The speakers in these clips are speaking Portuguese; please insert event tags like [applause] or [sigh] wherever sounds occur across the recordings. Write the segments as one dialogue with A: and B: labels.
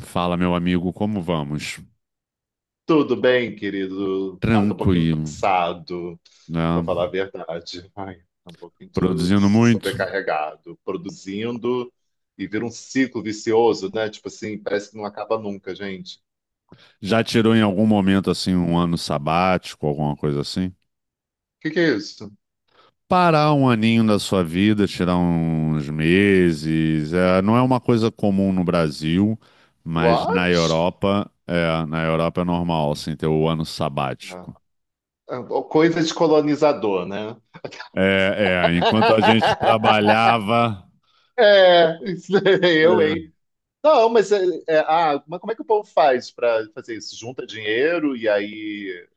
A: Fala, meu amigo, como vamos?
B: Tudo bem, querido? Cara, tô um pouquinho
A: Tranquilo,
B: cansado,
A: né?
B: pra falar a verdade. Ai, tô um pouquinho
A: Produzindo muito.
B: sobrecarregado, produzindo e vira um ciclo vicioso, né? Tipo assim, parece que não acaba nunca, gente. O
A: Já tirou em algum momento assim um ano sabático, alguma coisa assim?
B: que que é isso?
A: Parar um aninho da sua vida, tirar uns meses, não é uma coisa comum no Brasil, mas na
B: What?
A: Europa, na Europa é normal assim ter o ano
B: Ah,
A: sabático.
B: ah, Coisa de colonizador, né?
A: Enquanto a gente
B: [laughs]
A: trabalhava,
B: É, isso aí, eu,
A: é,
B: hein? Não, mas, mas como é que o povo faz pra fazer isso? Junta dinheiro e aí,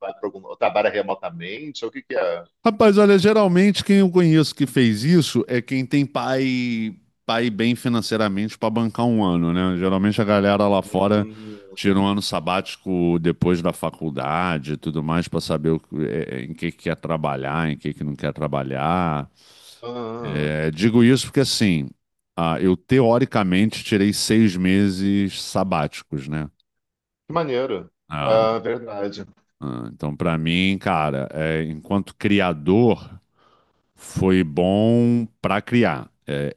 B: vai para algum, trabalha remotamente? Ou o que que é?
A: rapaz, olha, geralmente quem eu conheço que fez isso é quem tem pai, pai bem financeiramente para bancar um ano, né? Geralmente a galera lá fora
B: Hum.
A: tira um ano sabático depois da faculdade e tudo mais para saber o que- em que quer trabalhar, em que não quer trabalhar.
B: Ah,
A: É, digo isso porque assim, eu teoricamente tirei 6 meses sabáticos, né?
B: que maneiro.
A: Ah,
B: Ah, verdade.
A: então para mim, cara, é, enquanto criador foi bom para criar. É,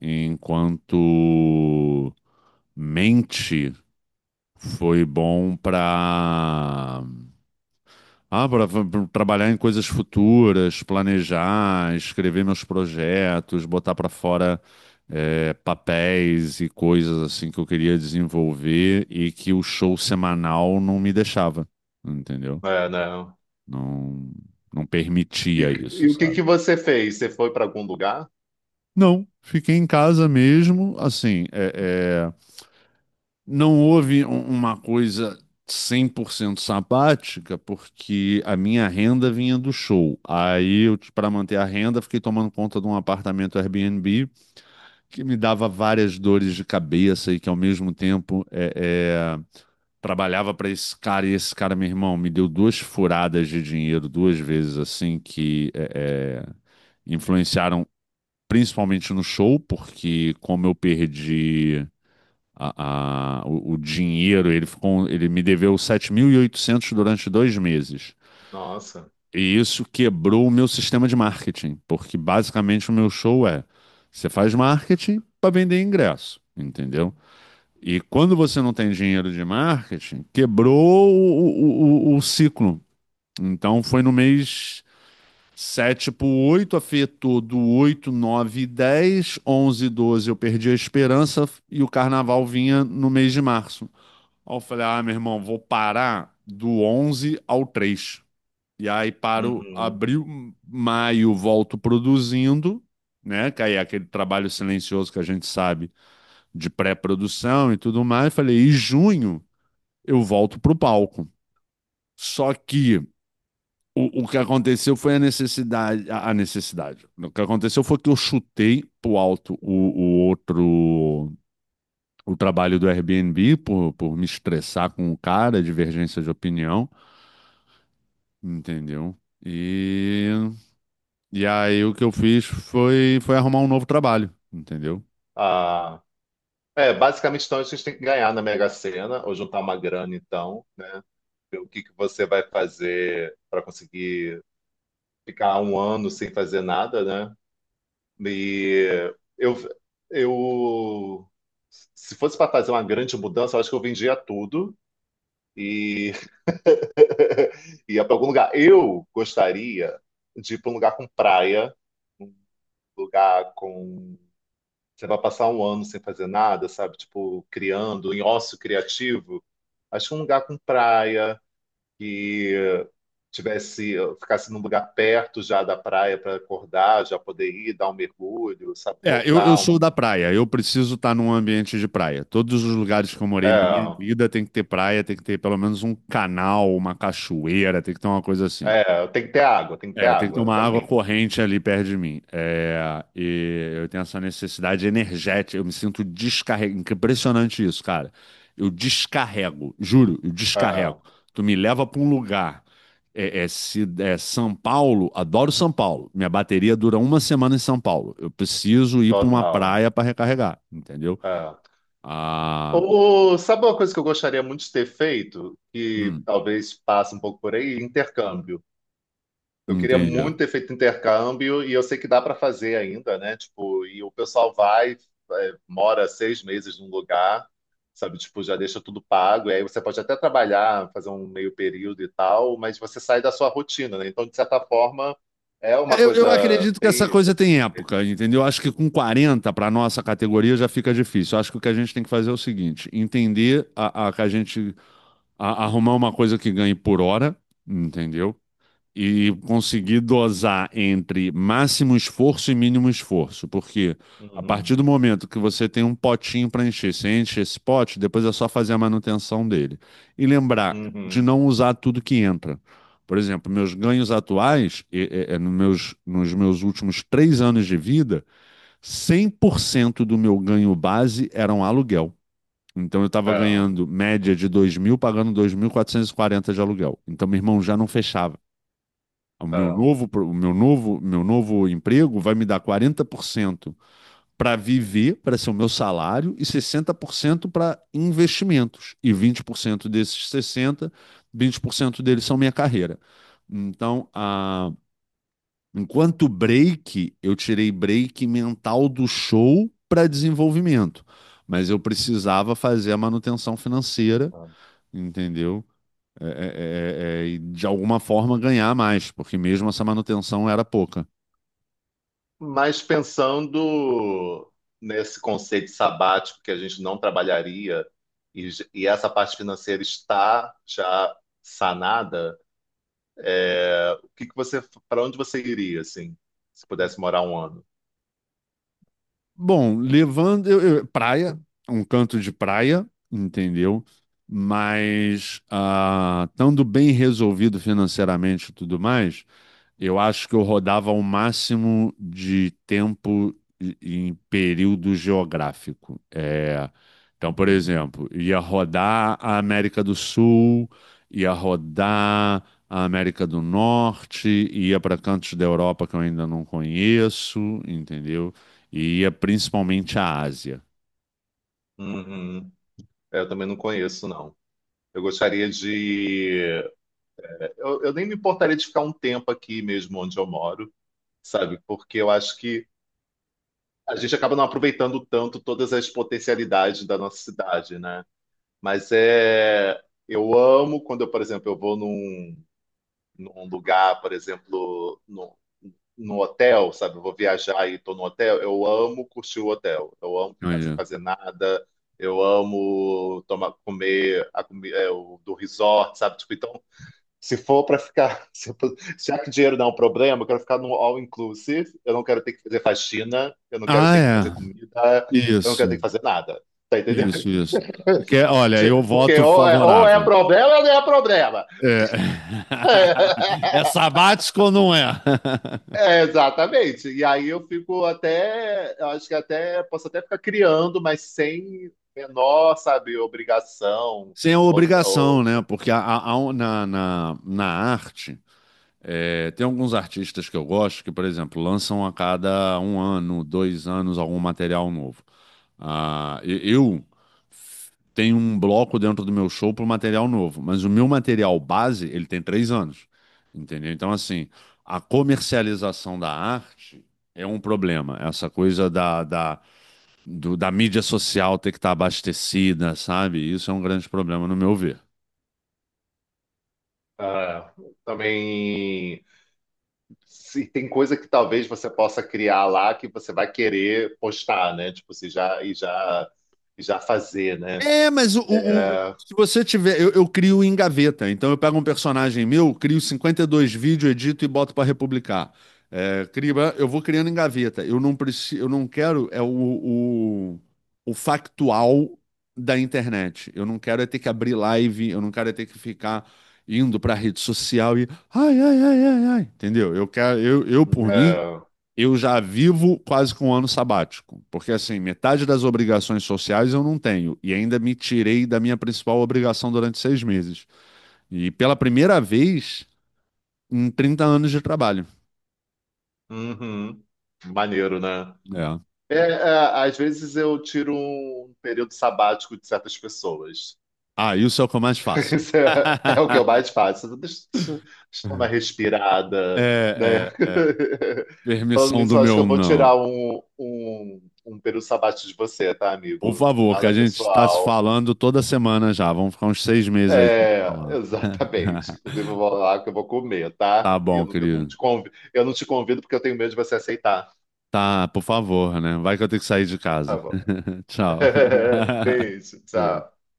A: é, enquanto mente foi bom pra para trabalhar em coisas futuras, planejar, escrever meus projetos, botar para fora papéis e coisas assim que eu queria desenvolver e que o show semanal não me deixava, entendeu?
B: É, não.
A: Não, não
B: E,
A: permitia isso,
B: e o que
A: sabe?
B: que você fez? Você foi para algum lugar?
A: Não, fiquei em casa mesmo. Assim, não houve um- uma coisa 100% sabática, porque a minha renda vinha do show. Aí, eu, para manter a renda, fiquei tomando conta de um apartamento Airbnb que me dava várias dores de cabeça e que, ao mesmo tempo, é, trabalhava para esse cara. E esse cara, meu irmão, me deu duas furadas de dinheiro duas vezes, assim, que influenciaram principalmente no show, porque como eu perdi o dinheiro, ele ficou, ele me deveu 7.800 durante 2 meses.
B: Nossa.
A: E isso quebrou o meu sistema de marketing, porque basicamente o meu show é você faz marketing para vender ingresso, entendeu? E quando você não tem dinheiro de marketing, quebrou o ciclo. Então foi no mês 7 pro 8, afetou do 8, 9 e 10. 11 e 12 eu perdi a esperança e o carnaval vinha no mês de março. Aí eu falei, ah, meu irmão, vou parar do 11 ao 3. E aí paro
B: Uhum.
A: abril, maio, volto produzindo, né? Que aí é aquele trabalho silencioso que a gente sabe, de pré-produção e tudo mais. Falei, e junho eu volto pro palco. Só que o que aconteceu foi a necessidade, a necessidade. O que aconteceu foi que eu chutei pro alto o outro, o trabalho do Airbnb por, me estressar com o cara, divergência de opinião, entendeu? E, e aí o que eu fiz foi, arrumar um novo trabalho, entendeu?
B: Ah, é, basicamente, então, a gente tem que ganhar na Mega Sena, ou juntar uma grana, então, né? Ver o que que você vai fazer para conseguir ficar um ano sem fazer nada, né? E eu, eu, se fosse para fazer uma grande mudança, eu acho que eu vendia tudo e [laughs] ia para algum lugar. Eu gostaria de ir para um lugar com praia, lugar com. Você vai passar um ano sem fazer nada, sabe? Tipo, criando, em ócio criativo. Acho que um lugar com praia, que tivesse, ficasse num lugar perto já da praia para acordar, já poder ir, dar um mergulho, sabe?
A: É, eu
B: Voltar.
A: sou
B: Um...
A: da praia, eu preciso estar num ambiente de praia. Todos os lugares que eu morei na minha
B: É,
A: vida tem que ter praia, tem que ter pelo menos um canal, uma cachoeira, tem que ter uma coisa assim.
B: é, tem que ter água, tem que ter
A: É, tem que ter
B: água
A: uma água
B: também.
A: corrente ali perto de mim. É, e eu tenho essa necessidade energética. Eu me sinto descarrego. Impressionante isso, cara. Eu descarrego, juro, eu descarrego.
B: É,
A: Tu me leva pra um lugar. É, é, se, é São Paulo, adoro São Paulo. Minha bateria dura uma semana em São Paulo. Eu preciso ir pra uma
B: total.
A: praia pra recarregar, entendeu?
B: É.
A: Ah,
B: Ô, sabe uma coisa que eu gostaria muito de ter feito, que
A: hum,
B: talvez passe um pouco por aí? Intercâmbio. Eu queria
A: entendi.
B: muito ter feito intercâmbio e eu sei que dá para fazer ainda, né? Tipo, e o pessoal vai, é, mora 6 meses num lugar, sabe? Tipo, já deixa tudo pago. E aí você pode até trabalhar, fazer um meio período e tal, mas você sai da sua rotina, né? Então, de certa forma, é uma
A: É, eu
B: coisa.
A: acredito que essa
B: Tem...
A: coisa tem época, entendeu? Acho que com 40 para nossa categoria já fica difícil. Acho que o que a gente tem que fazer é o seguinte: entender a- que a gente a- arrumar uma coisa que ganhe por hora, entendeu? E conseguir dosar entre máximo esforço e mínimo esforço, porque a partir
B: Uhum,
A: do momento que você tem um potinho para encher, você enche esse pote, depois é só fazer a manutenção dele. E lembrar de
B: uhum.
A: não usar tudo que entra. Por exemplo, meus ganhos atuais, nos meus últimos 3 anos de vida, 100% do meu ganho base era um aluguel. Então eu estava
B: É,
A: ganhando média de 2.000, pagando 2.440 de aluguel. Então meu irmão já não fechava o meu
B: é,
A: novo, pro- o meu novo emprego vai me dar 40% para viver, para ser o meu salário, e 60% para investimentos. E 20% desses 60, 20% deles são minha carreira. Então, a, enquanto break, eu tirei break mental do show para desenvolvimento. Mas eu precisava fazer a manutenção financeira,
B: é.
A: entendeu? E de alguma forma ganhar mais, porque mesmo essa manutenção era pouca.
B: Mas pensando nesse conceito sabático que a gente não trabalharia e essa parte financeira está já sanada, é, o que que você, para onde você iria, assim, se pudesse morar um ano?
A: Bom, levando praia, um canto de praia, entendeu? Mas ah, estando bem resolvido financeiramente e tudo mais, eu acho que eu rodava o máximo de tempo em período geográfico. É, então, por
B: Uhum.
A: exemplo, ia rodar a América do Sul, ia rodar a América do Norte, ia para cantos da Europa que eu ainda não conheço, entendeu? E ia principalmente à Ásia.
B: Uhum. É, eu também não conheço, não. Eu gostaria de. Eu nem me importaria de ficar um tempo aqui mesmo onde eu moro, sabe? Porque eu acho que a gente acaba não aproveitando tanto todas as potencialidades da nossa cidade, né? Mas é, eu amo quando eu, por exemplo, eu vou num, lugar, por exemplo, no hotel, sabe? Eu vou viajar e estou no hotel. Eu amo curtir o hotel. Eu amo ficar sem
A: Olha.
B: fazer nada. Eu amo tomar, comer o do resort, sabe? Tipo, então, se for para ficar, [laughs] se for- já que dinheiro não é um problema, eu quero ficar no all inclusive. Eu não quero ter que fazer faxina. Eu não quero
A: Ah,
B: ter que fazer
A: é.
B: comida. Eu não quero ter que
A: Isso,
B: fazer nada. Tá entendendo?
A: isso, isso. Porque, olha, eu
B: Porque
A: voto
B: ou é
A: favorável.
B: problema ou não é problema.
A: É.
B: É,
A: [laughs] É sabático ou não é? [laughs]
B: é, exatamente. E aí eu fico até, eu acho que até posso até ficar criando, mas sem menor, sabe, obrigação.
A: Sem a
B: Ou,
A: obrigação,
B: ou,
A: né? Porque na arte, é, tem alguns artistas que eu gosto que, por exemplo, lançam a cada um ano, 2 anos, algum material novo. Ah, eu tenho um bloco dentro do meu show para material novo, mas o meu material base, ele tem 3 anos, entendeu? Então, assim, a comercialização da arte é um problema. Essa coisa da mídia social ter que estar abastecida, sabe? Isso é um grande problema, no meu ver.
B: ah, também se tem coisa que talvez você possa criar lá que você vai querer postar, né? Tipo, você já e já e já fazer, né?
A: É, mas
B: É,
A: se você tiver. Eu, crio em gaveta. Então eu pego um personagem meu, crio 52 vídeos, edito e boto para republicar. É, crio- eu vou criando em gaveta. Eu não preciso, eu não quero é o factual da internet. Eu não quero é ter que abrir live, eu não quero é ter que ficar indo para a rede social e ai, ai, ai, ai, ai. Entendeu? Eu quero, eu por mim,
B: é,
A: eu já vivo quase com um ano sabático, porque assim, metade das obrigações sociais eu não tenho, e ainda me tirei da minha principal obrigação durante 6 meses. E pela primeira vez em 30 anos de trabalho.
B: uhum. Maneiro, né?
A: É.
B: É, é, às vezes eu tiro um período sabático de certas pessoas.
A: Ah, isso é o que eu mais
B: [laughs]
A: faço.
B: Isso é o que eu
A: [laughs]
B: mais faço. Deixa eu dar uma respirada, né?
A: É, é, é.
B: [laughs] Falando
A: Permissão
B: nisso,
A: do
B: eu acho que
A: meu
B: eu vou
A: não.
B: tirar um período sabático de você, tá,
A: Por
B: amigo?
A: favor, que a
B: Nada
A: gente está se
B: pessoal.
A: falando toda semana já. Vamos ficar uns 6 meses aí sem se
B: É,
A: falando.
B: exatamente. Inclusive, eu vou
A: [laughs]
B: lá que eu vou comer,
A: Tá
B: tá? E eu
A: bom,
B: não, eu não
A: querido.
B: te convido, eu não te convido porque eu tenho medo de você aceitar.
A: Tá, por favor, né? Vai que eu tenho que sair de
B: Tá
A: casa.
B: bom.
A: [laughs] Tchau.
B: [laughs]
A: [laughs]
B: Beijo, tchau.
A: Beijo.